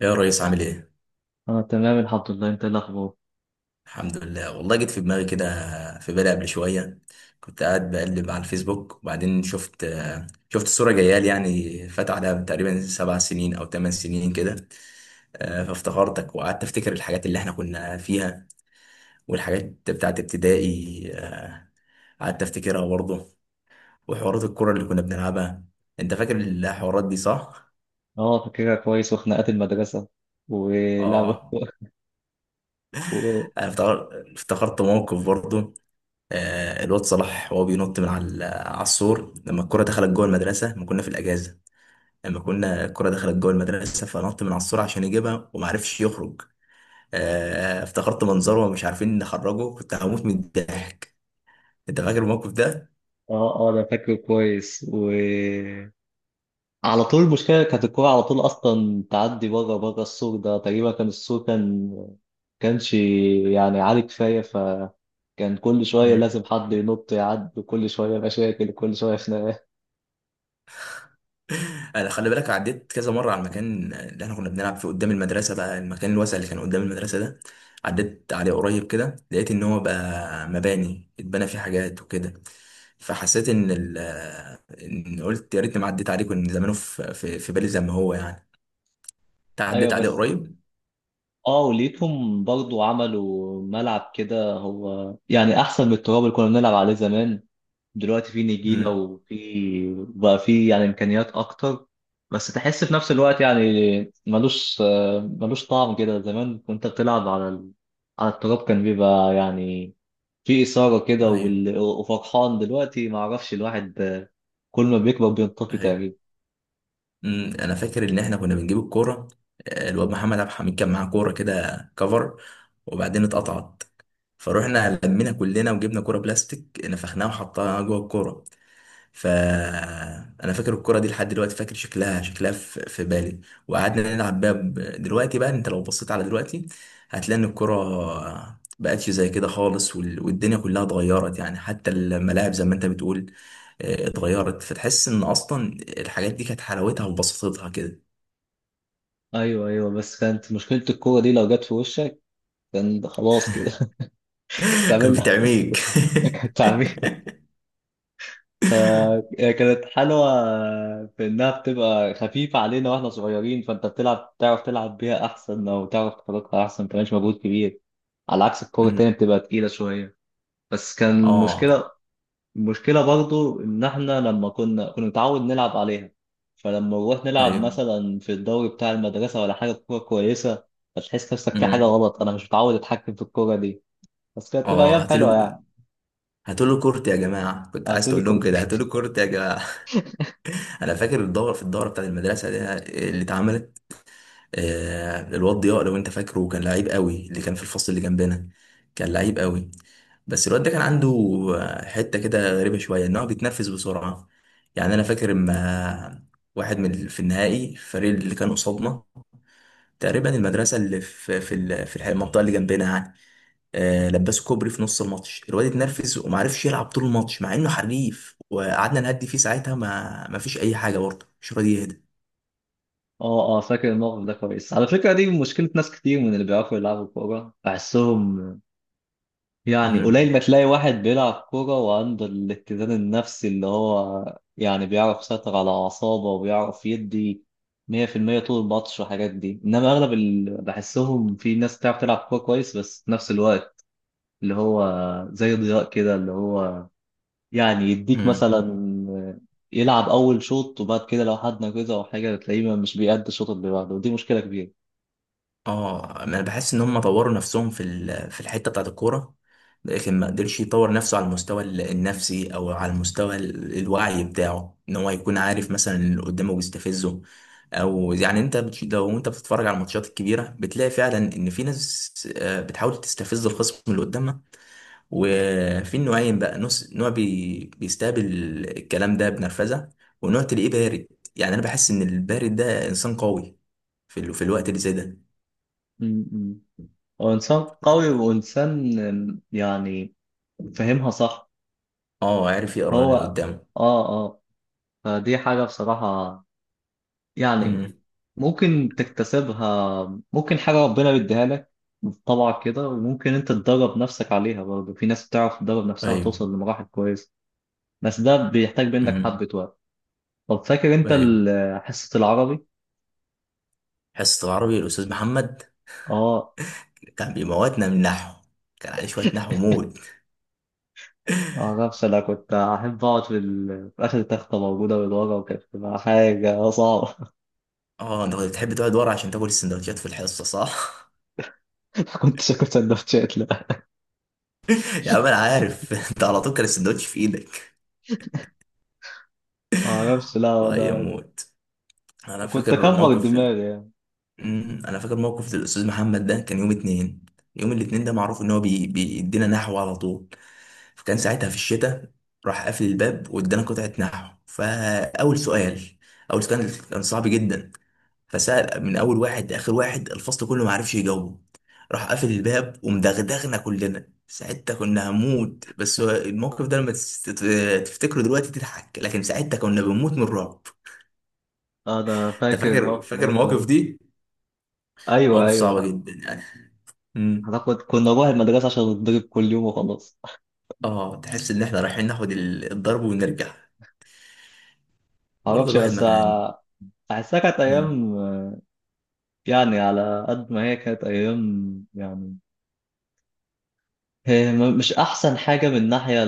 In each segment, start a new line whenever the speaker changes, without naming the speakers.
يا ريس، عامل ايه؟
اه تمام، الحمد لله. انت ايه الاخبار؟
الحمد لله والله، جيت في دماغي كده. في بالي قبل شوية. كنت قاعد بقلب على الفيسبوك وبعدين شفت صورة جايالي، يعني فات عليها تقريبا 7 سنين أو 8 سنين كده. فافتكرتك وقعدت أفتكر الحاجات اللي احنا كنا فيها والحاجات بتاعت ابتدائي. قعدت أفتكرها برضه، وحوارات الكرة اللي كنا بنلعبها. أنت فاكر الحوارات دي صح؟
اه، فاكرها كويس، وخناقات المدرسه ولعبه
آه.
و...
أنا افتكرت موقف برضه. الواد صلاح وهو بينط من على السور لما الكرة دخلت جوه المدرسة، لما كنا في الأجازة. لما كنا الكرة دخلت جوه المدرسة فنط من على السور عشان يجيبها وما عرفش يخرج. افتكرت منظره ومش عارفين نخرجه، كنت هموت من الضحك. أنت فاكر الموقف ده؟
اه انا فاكره كويس. و على طول المشكله كانت الكوره على طول اصلا تعدي بره السور ده. تقريبا كان السور كانش يعني عالي كفايه، فكان كل شويه لازم حد ينط يعدي، وكل شويه مشاكل، كل شويه خناقات.
انا خلي بالك، عديت كذا مره على المكان اللي احنا كنا بنلعب فيه قدام المدرسه، بقى المكان الواسع اللي كان قدام المدرسه ده. عديت عليه قريب كده، لقيت ان هو بقى مباني اتبنى فيه حاجات وكده. فحسيت ان ال آه، ان قلت يا ريتني ما عديت عليه، كان زمانه في بالي زي ما هو يعني. انت
ايوه
عديت عليه
بس.
قريب.
اه، وليتهم برضو عملوا ملعب كده، هو يعني احسن من التراب اللي كنا بنلعب عليه زمان. دلوقتي في نجيلة
امم.
وفي بقى في يعني إمكانيات أكتر. بس تحس في نفس الوقت يعني ملوش ملوش طعم كده. زمان كنت بتلعب على ال... على التراب، كان بيبقى يعني في إثارة كده.
ايوه،
وال... وفرحان دلوقتي ما أعرفش الواحد كل ما بيكبر بينطفي
ايوه.
تقريبا.
امم. انا فاكر ان احنا كنا بنجيب الكوره. الواد محمد عبد الحميد كان معاه كوره كده كفر، وبعدين اتقطعت. فروحنا لمينا كلنا وجبنا كوره بلاستيك نفخناها وحطها جوه الكوره. ف انا فاكر الكوره دي لحد دلوقتي، فاكر شكلها في بالي. وقعدنا نلعب بيها. دلوقتي بقى، انت لو بصيت على دلوقتي هتلاقي ان الكوره بقتش زي كده خالص، والدنيا كلها اتغيرت يعني، حتى الملاعب زي ما انت بتقول. اتغيرت، فتحس ان اصلا الحاجات دي كانت حلاوتها وبساطتها كده.
أيوه أيوه، بس كانت مشكلة الكورة دي لو جت في وشك، كان خلاص كده. كانت
كانت
تعمل
بتعميك.
تعميل. فكانت حلوة في إنها بتبقى خفيفة علينا وإحنا صغيرين، فأنت بتلعب تعرف تلعب بيها أحسن، أو تعرف تخترقها أحسن، ما كانش مجهود كبير على عكس الكورة
أمم.
التانية بتبقى تقيلة شوية. بس كان
اه.
مشكلة، مشكلة برضو إن إحنا لما كنا نتعود نلعب عليها، فلما نروح نلعب
ايوه.
مثلا في الدوري بتاع المدرسة ولا حاجة كورة كويسة، فتحس نفسك في حاجة
أمم.
غلط، أنا مش متعود أتحكم في الكورة دي. بس كانت تبقى أيام
اه،
حلوة يعني.
هاتولي. هاتولي كورت يا جماعه، كنت عايز
هاتولي
تقول لهم
كورة.
كده، هاتولي كورت يا جماعه. انا فاكر الدوره، في الدوره بتاعت المدرسه دي اللي اتعملت. الواد ضياء لو انت فاكره، كان لعيب قوي، اللي كان في الفصل اللي جنبنا. كان لعيب قوي. بس الواد ده كان عنده حته كده غريبه شويه، ان هو بيتنفس بسرعه. يعني انا فاكر اما واحد من في النهائي الفريق اللي كان قصادنا، تقريبا المدرسه اللي في المنطقه اللي جنبنا يعني. لبسه كوبري في نص الماتش، الواد اتنرفز وما عرفش يلعب طول الماتش مع انه حريف، وقعدنا نهدي فيه ساعتها ما فيش اي حاجه، برضه مش راضي يهدى.
اه فاكر الموقف ده كويس. على فكرة دي مشكلة ناس كتير من اللي بيعرفوا يلعبوا كورة بحسهم، يعني
امم.
قليل ما تلاقي واحد بيلعب كورة وعنده الاتزان النفسي اللي هو يعني بيعرف يسيطر على أعصابه وبيعرف يدي 100% طول الماتش والحاجات دي. إنما أغلب اللي بحسهم في ناس بتعرف تلعب كورة كويس، بس في نفس الوقت اللي هو زي ضياء كده، اللي هو يعني يديك
امم.
مثلا يلعب أول شوط، وبعد كده لو حد نجزه أو حاجة تلاقيه مش بيأدي الشوط اللي بعده، ودي مشكلة كبيرة.
اه، انا بحس ان هم طوروا نفسهم في في الحته بتاعت الكوره، لكن ما قدرش يطور نفسه على المستوى النفسي او على المستوى الوعي بتاعه، ان هو يكون عارف مثلا اللي قدامه بيستفزه. او يعني انت لو انت بتتفرج على الماتشات الكبيره، بتلاقي فعلا ان في ناس بتحاول تستفز الخصم اللي قدامها. وفي نوعين بقى، نص نوع بيستقبل الكلام ده بنرفزه، ونوع تلاقيه بارد. يعني انا بحس ان البارد ده انسان قوي في في الوقت اللي زي ده.
م-م. هو إنسان قوي وإنسان يعني فهمها صح.
اه، عارف يقرا اللي
هو
قدامه.
آه آه. فدي حاجة بصراحة يعني
امم.
ممكن تكتسبها، ممكن حاجة ربنا بيديها لك طبعا كده، وممكن أنت تدرب نفسك عليها برضه، في ناس بتعرف تدرب نفسها
ايوه.
وتوصل لمراحل كويسة. بس ده بيحتاج منك
امم.
حبة وقت. طب فاكر أنت
ايوه.
ال- حصة العربي؟
حصة العربي، الأستاذ محمد
آه.
كان بيموتنا من النحو، كان عليه شوية نحو موت.
آه نفس. أنا كنت أحب أقعد في, ال- في آخر تختة موجودة من ورا، وكانت بتبقى حاجة صعبة.
اه، انت كنت بتحب تقعد ورا عشان تاكل السندوتشات في الحصة صح؟
كنت شكلت سندوتشات؟ لا.
يا عم انا عارف. انت على طول كان السندوتش في ايدك.
ما اعرفش. لا
الله
انا
يموت. انا
كنت
فاكر
اكبر
موقف
دماغي يعني.
انا فاكر موقف للأستاذ محمد ده، كان يوم اتنين. يوم الاتنين ده معروف ان هو بيدينا نحو على طول. فكان ساعتها في الشتاء، راح قافل الباب وادانا قطعة نحو. فأول سؤال، أول سؤال كان صعب جدا. فسأل من أول واحد لآخر واحد، الفصل كله ما عرفش يجاوبه. راح قافل الباب ومدغدغنا كلنا ساعتها، كنا هنموت. بس هو الموقف ده لما تفتكره دلوقتي تضحك، لكن ساعتها كنا بنموت من الرعب.
انا
انت
فاكر
فاكر
الموقف
فاكر
ده
المواقف
كله.
دي،
ايوه
مواقف صعبة
ايوه.
جدا يعني. امم.
انا كنت، كنا نروح المدرسه عشان نتضرب كل يوم وخلاص.
اه، تحس ان احنا رايحين ناخد الضرب ونرجع.
ما
برضه
اعرفش
الواحد
بس
مكان.
احسها كانت ايام يعني، على قد ما هي كانت ايام يعني، هي م- مش احسن حاجه من ناحيه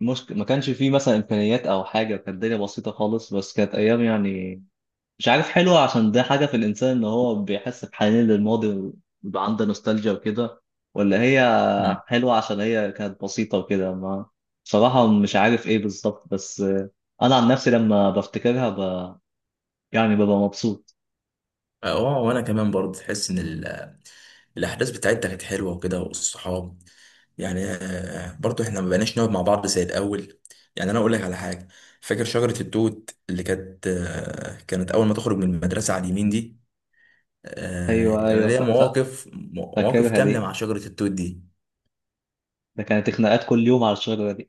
المشكله ما كانش فيه مثلا امكانيات او حاجه، كانت الدنيا بسيطه خالص. بس كانت ايام يعني مش عارف حلوة عشان ده حاجة في الإنسان إن هو بيحس بحنين للماضي، ويبقى عنده نوستالجيا وكده، ولا هي حلوة عشان هي كانت بسيطة وكده. ما بصراحة مش عارف إيه بالظبط، بس أنا عن نفسي لما بفتكرها ب... يعني ببقى مبسوط.
اه، وانا كمان برضه تحس ان الاحداث بتاعتها كانت حلوه وكده، والصحاب يعني. برضه احنا ما بقيناش نقعد مع بعض زي الاول. يعني انا اقول لك على حاجه، فاكر شجره التوت اللي كانت اول ما تخرج من المدرسه على اليمين دي.
أيوه
انا
أيوه
ليا
ف... ف...
مواقف
فاكرها
كامله
دي.
مع شجره التوت دي.
ده كانت خناقات كل يوم على الشجرة دي.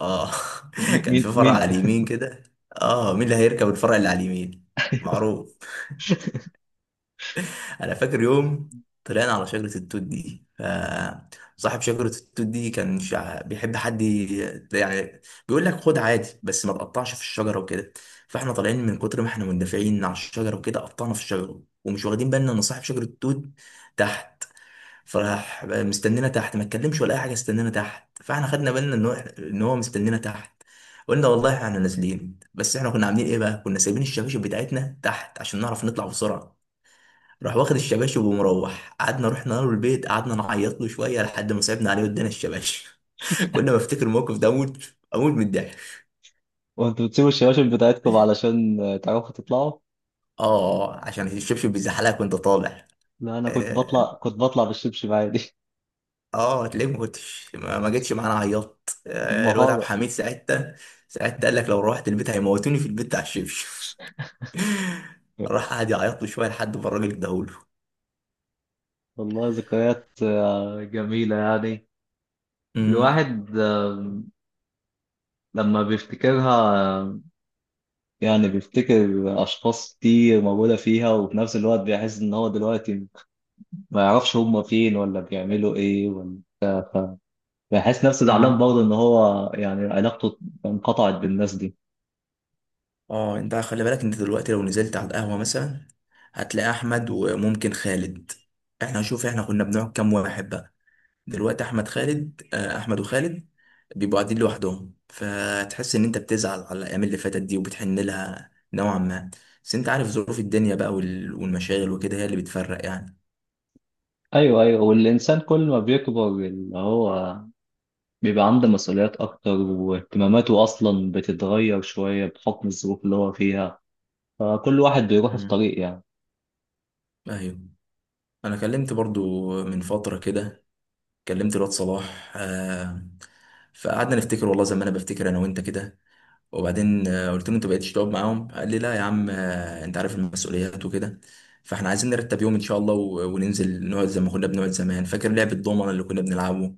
اه.
م-
كان في
مين
فرع على
مين.
اليمين كده. اه، مين اللي هيركب الفرع اللي على اليمين،
أيوه.
معروف. انا فاكر يوم طلعنا على شجره التوت دي، فصاحب شجره التوت دي كان بيحب حد يعني بيقول لك خد عادي بس ما تقطعش في الشجره وكده. فاحنا طالعين من كتر ما احنا مندفعين على الشجره وكده، قطعنا في الشجره ومش واخدين بالنا ان صاحب شجره التوت تحت. فراح مستنينا تحت، ما اتكلمش ولا اي حاجه، استنانا تحت. فاحنا خدنا بالنا ان هو مستنينا تحت. قلنا والله احنا نازلين، بس احنا كنا عاملين ايه بقى، كنا سايبين الشباشب بتاعتنا تحت عشان نعرف نطلع بسرعه. راح واخد الشباشب ومروح، قعدنا رحنا له البيت، قعدنا نعيط له شويه لحد ما صعبنا عليه وادانا الشباشب. كل ما افتكر الموقف ده اموت اموت من الضحك.
وأنتوا بتسيبوا الشباشب بتاعتكم علشان تعرفوا تطلعوا؟
اه، عشان الشبشب بيزحلقك وانت طالع.
لا، أنا كنت
اه.
بطلع، كنت بطلع بالشبشب عادي.
هتلاقيك ما جيتش معانا، عيطت. آه، الواد عبد
مهارة.
الحميد ساعتها، ساعتها قال لك لو روحت البيت هيموتوني في البيت بتاع الشبشب. راح قعد يعيط له شويه لحد ما الراجل اداهوله.
والله ذكريات جميلة يعني. الواحد لما بيفتكرها آه، يعني بيفتكر أشخاص كتير موجودة فيها، وفي نفس الوقت بيحس إن هو دلوقتي ما يعرفش هما فين ولا بيعملوا إيه، ولا بيحس نفسه زعلان
أمم.
برضه إن هو يعني علاقته انقطعت بالناس دي.
اه انت خلي بالك، انت دلوقتي لو نزلت على القهوة مثلا هتلاقي احمد وممكن خالد، احنا شوف احنا كنا بنقعد كام واحد بقى. دلوقتي احمد خالد، احمد وخالد بيبقوا قاعدين لوحدهم. فتحس ان انت بتزعل على الايام اللي فاتت دي وبتحن لها نوعا ما، بس انت عارف ظروف الدنيا بقى والمشاغل وكده، هي اللي بتفرق يعني.
أيوه أيوه. والإنسان كل ما بيكبر اللي هو بيبقى عنده مسؤوليات أكتر، واهتماماته أصلا بتتغير شوية بحكم الظروف اللي هو فيها، فكل واحد بيروح في
مم.
طريق يعني.
ايوه. انا كلمت برضو من فتره كده، كلمت الواد صلاح. فقعدنا نفتكر والله زي ما انا بفتكر انا وانت كده. وبعدين قلت له انت بقيتش تقعد معاهم. قال لي لا يا عم، انت عارف المسؤوليات وكده. فاحنا عايزين نرتب يوم ان شاء الله وننزل نقعد زي ما كنا بنقعد زمان. فاكر لعبة الضومنة اللي كنا بنلعبه؟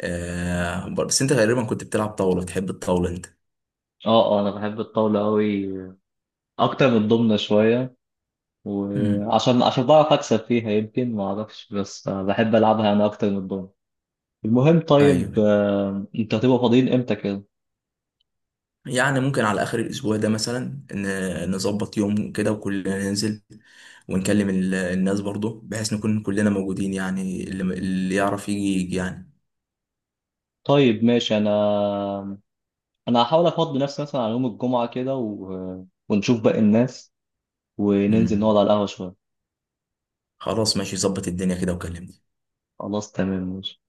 آه، بس انت غالبا كنت بتلعب طاولة، بتحب الطاولة انت.
اه اه انا بحب الطاولة قوي، اكتر من الضمنة شوية.
امم.
وعشان بعرف اكسب فيها، يمكن ما اعرفش، بس آه، بحب العبها انا اكتر من الضمنة. المهم، طيب
ايوه.
آه، انت هتبقى فاضيين امتى كده؟
يعني ممكن على اخر الاسبوع ده مثلا نظبط يوم كده وكلنا ننزل، ونكلم الناس برضو بحيث نكون كلنا موجودين، يعني اللي يعرف يجي يجي يعني.
طيب ماشي. انا هحاول افضي نفسي مثلا على يوم الجمعة كده، و... ونشوف باقي الناس وننزل نقعد
امم.
على القهوة شوية.
خلاص ماشي، ظبط الدنيا كده وكلمني.
خلاص تمام، ماشي.